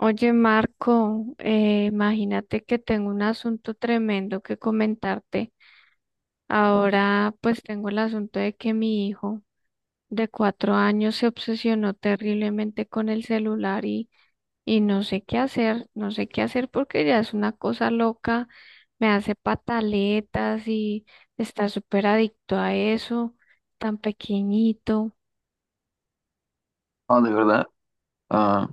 Oye, Marco, imagínate que tengo un asunto tremendo que comentarte. Ahora pues tengo el asunto de que mi hijo de 4 años se obsesionó terriblemente con el celular y no sé qué hacer, no sé qué hacer porque ya es una cosa loca, me hace pataletas y está súper adicto a eso, tan pequeñito. Ah, de verdad. Ah,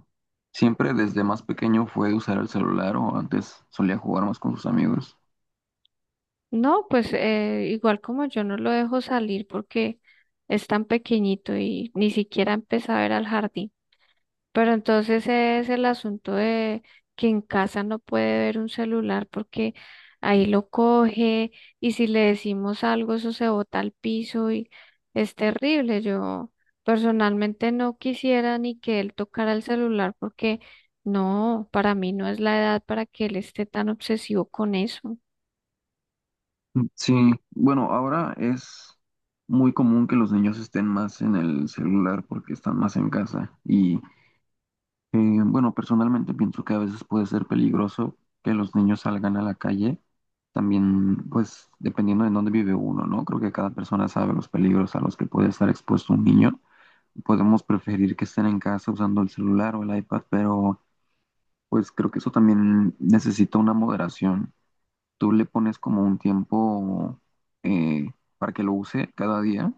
siempre desde más pequeño fue usar el celular o antes solía jugar más con sus amigos. No, pues igual como yo no lo dejo salir porque es tan pequeñito y ni siquiera empieza a ver al jardín. Pero entonces es el asunto de que en casa no puede ver un celular porque ahí lo coge y si le decimos algo eso se bota al piso y es terrible. Yo personalmente no quisiera ni que él tocara el celular porque no, para mí no es la edad para que él esté tan obsesivo con eso. Mm, sí, bueno, ahora es muy común que los niños estén más en el celular porque están más en casa. Y eh, bueno, personalmente pienso que a veces puede ser peligroso que los niños salgan a la calle. También, pues, dependiendo de dónde vive uno, ¿no? Creo que cada persona sabe los peligros a los que puede estar expuesto un niño. Podemos preferir que estén en casa usando el celular o el iPad, pero pues creo que eso también necesita una moderación. Tú le pones como un tiempo eh, para que lo use cada día.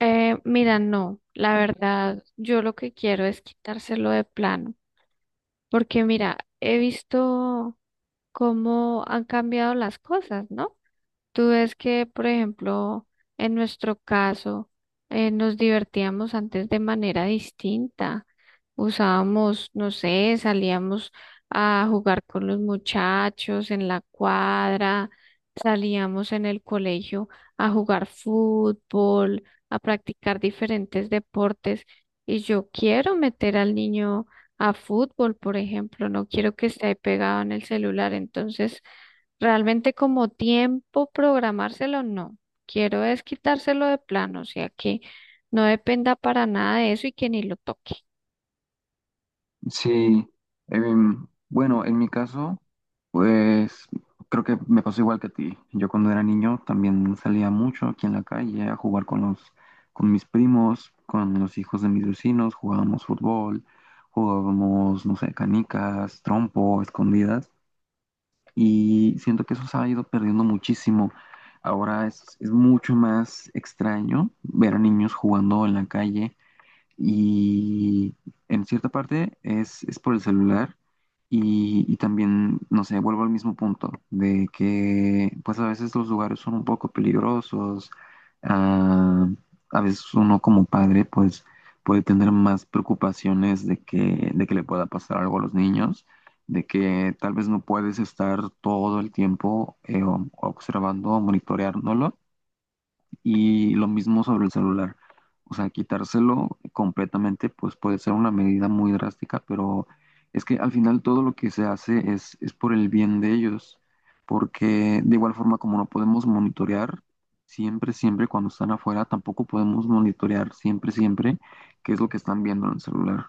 Mira, no, la verdad, yo lo que quiero es quitárselo de plano, porque mira, he visto cómo han cambiado las cosas, ¿no? Tú ves que, por ejemplo, en nuestro caso, nos divertíamos antes de manera distinta. Usábamos, no sé, salíamos a jugar con los muchachos en la cuadra, salíamos en el colegio a jugar fútbol, a practicar diferentes deportes. Y yo quiero meter al niño a fútbol, por ejemplo, no quiero que esté ahí pegado en el celular. Entonces, realmente como tiempo programárselo, no. Quiero es quitárselo de plano, o sea que no dependa para nada de eso y que ni lo toque. Sí, bueno, en mi caso, pues creo que me pasó igual que a ti. Yo cuando era niño también salía mucho aquí en la calle a jugar con mis primos, con los hijos de mis vecinos, jugábamos fútbol, jugábamos, no sé, canicas, trompo, escondidas. Y siento que eso se ha ido perdiendo muchísimo. Ahora es mucho más extraño ver a niños jugando en la calle y en cierta parte es por el celular y también, no sé, vuelvo al mismo punto de que pues a veces los lugares son un poco peligrosos. ah, a veces uno como padre pues puede tener más preocupaciones de que le pueda pasar algo a los niños, de que tal vez no puedes estar todo el tiempo observando o monitoreándolo, y lo mismo sobre el celular. O sea, quitárselo completamente pues puede ser una medida muy drástica, pero es que al final todo lo que se hace es por el bien de ellos, porque de igual forma como no podemos monitorear siempre, siempre cuando están afuera, tampoco podemos monitorear siempre, siempre qué es lo que están viendo en el celular.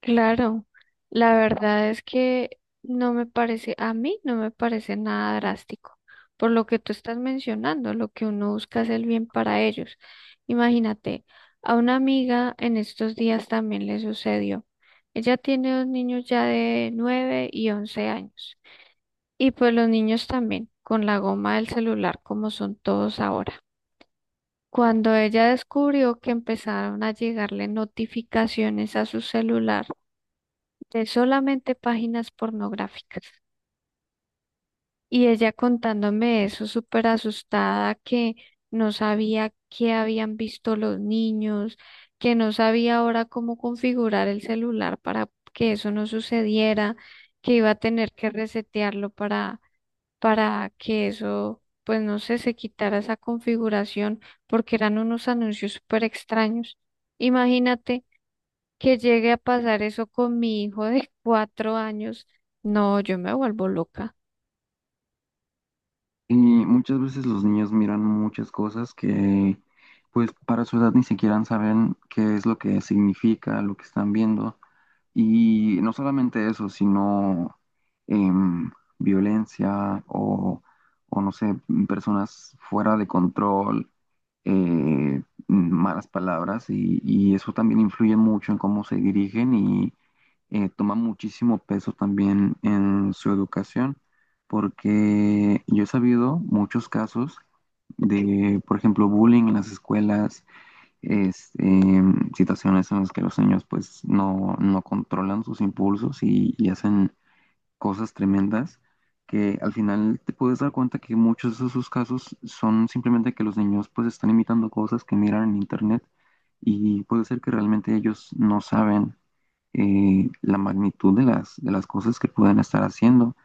Claro, la verdad es que no me parece, a mí no me parece nada drástico. Por lo que tú estás mencionando, lo que uno busca es el bien para ellos. Imagínate, a una amiga en estos días también le sucedió. Ella tiene dos niños ya de 9 y 11 años. Y pues los niños también, con la goma del celular como son todos ahora. Cuando ella descubrió que empezaron a llegarle notificaciones a su celular de solamente páginas pornográficas. Y ella contándome eso súper asustada que no sabía qué habían visto los niños, que no sabía ahora cómo configurar el celular para que eso no sucediera, que iba a tener que resetearlo para que eso, pues no sé, se quitara esa configuración porque eran unos anuncios súper extraños. Imagínate que llegue a pasar eso con mi hijo de 4 años. No, yo me vuelvo loca. Y muchas veces los niños miran muchas cosas que pues para su edad ni siquiera saben qué es lo que significa lo que están viendo. Y no solamente eso, sino em, violencia o, no sé, personas fuera de control, eh, malas palabras, y eso también influye mucho en cómo se dirigen y toma muchísimo peso también en su educación, porque yo he sabido muchos casos de, por ejemplo, bullying en las escuelas. este, Situaciones en las que los niños pues no controlan sus impulsos y hacen cosas tremendas que al final te puedes dar cuenta que muchos de esos casos son simplemente que los niños pues están imitando cosas que miran en internet, y puede ser que realmente ellos no saben la magnitud de de las cosas que pueden estar haciendo.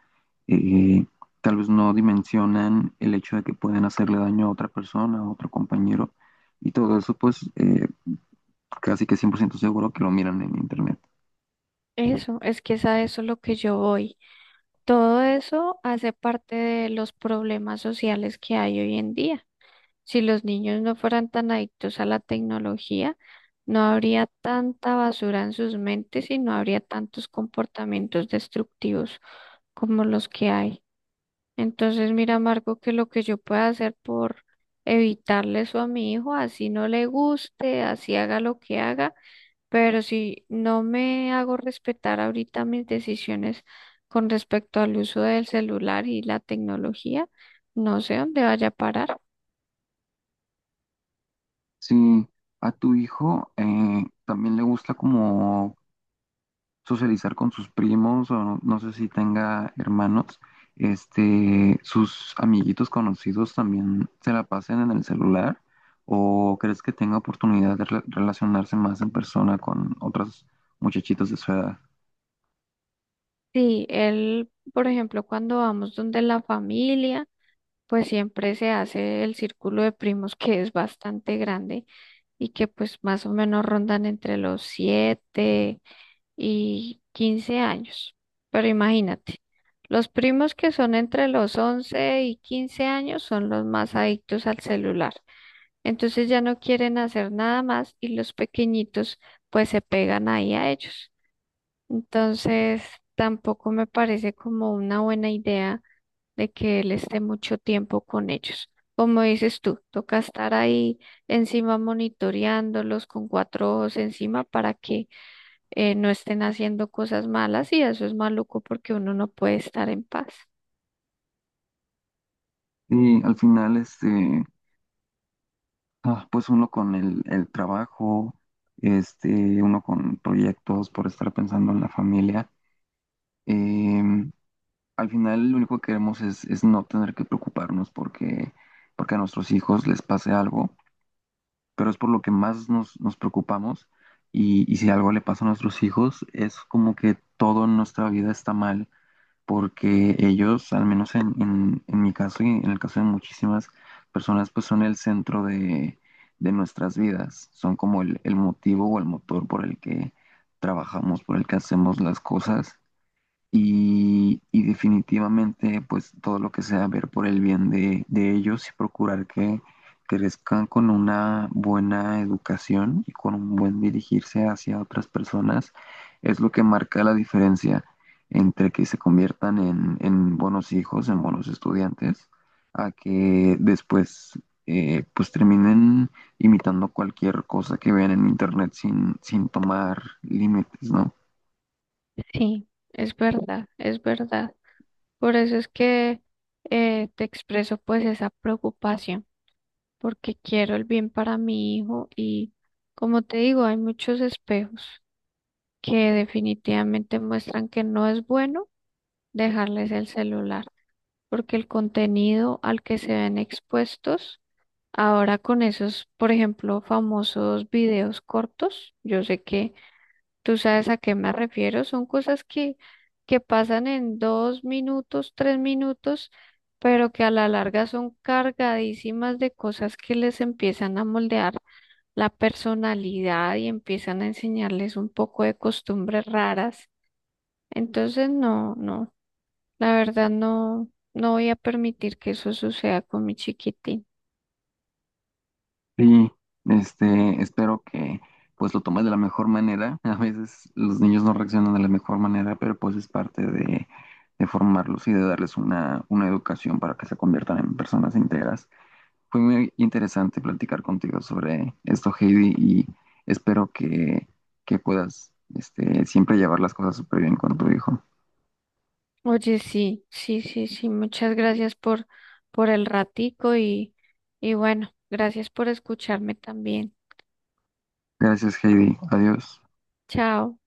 Eh, Tal vez no dimensionan el hecho de que pueden hacerle daño a otra persona, a otro compañero, y todo eso pues casi que 100% seguro que lo miran en internet. Eso, es que es a eso lo que yo voy. Todo eso hace parte de los problemas sociales que hay hoy en día. Si los niños no fueran tan adictos a la tecnología, no habría tanta basura en sus mentes y no habría tantos comportamientos destructivos como los que hay. Entonces, mira, Marco, que lo que yo pueda hacer por evitarle eso a mi hijo, así no le guste, así haga lo que haga, pero si no me hago respetar ahorita mis decisiones con respecto al uso del celular y la tecnología, no sé dónde vaya a parar. Si a tu hijo también le gusta como socializar con sus primos o no, no sé si tenga hermanos, sus amiguitos conocidos también se la pasen en el celular, o crees que tenga oportunidad de relacionarse más en persona con otros muchachitos de su edad? Sí, él, por ejemplo, cuando vamos donde la familia, pues siempre se hace el círculo de primos que es bastante grande y que pues más o menos rondan entre los 7 y 15 años. Pero imagínate, los primos que son entre los 11 y 15 años son los más adictos al celular. Entonces ya no quieren hacer nada más y los pequeñitos pues se pegan ahí a ellos. Entonces, tampoco me parece como una buena idea de que él esté mucho tiempo con ellos. Como dices tú, toca estar ahí encima monitoreándolos con cuatro ojos encima para que no estén haciendo cosas malas y eso es maluco porque uno no puede estar en paz. Y al final, pues uno con el trabajo, uno con proyectos, por estar pensando en la familia. Em, Al final lo único que queremos es no tener que preocuparnos porque a nuestros hijos les pase algo, pero es por lo que más nos preocupamos, y si algo le pasa a nuestros hijos es como que todo en nuestra vida está mal porque ellos, al menos en mi caso y en el caso de muchísimas personas, pues son el centro de nuestras vidas, son como el motivo o el motor por el que trabajamos, por el que hacemos las cosas, y definitivamente pues todo lo que sea ver por el bien de ellos y procurar que crezcan con una buena educación y con un buen dirigirse hacia otras personas es lo que marca la diferencia entre que se conviertan en buenos hijos, en buenos estudiantes, a que después pues terminen imitando cualquier cosa que vean en internet sin tomar límites, ¿no? Sí, es verdad, es verdad. Por eso es que te expreso pues esa preocupación, porque quiero el bien para mi hijo y como te digo, hay muchos espejos que definitivamente muestran que no es bueno dejarles el celular, porque el contenido al que se ven expuestos ahora con esos, por ejemplo, famosos videos cortos, yo sé que tú sabes a qué me refiero, son cosas que pasan en 2 minutos, 3 minutos, pero que a la larga son cargadísimas de cosas que les empiezan a moldear la personalidad y empiezan a enseñarles un poco de costumbres raras. Entonces, no, no, la verdad no, no voy a permitir que eso suceda con mi chiquitín. Sí, espero que pues lo tomes de la mejor manera. A veces los niños no reaccionan de la mejor manera, pero pues es parte de formarlos y de darles una educación para que se conviertan en personas íntegras. Fue muy interesante platicar contigo sobre esto, Heidi, y espero que puedas este, siempre llevar las cosas súper bien con tu hijo. Oye, sí, sí, sí, sí, muchas gracias por el ratico y bueno, gracias por escucharme también. Gracias, Heidi. Adiós. Chao.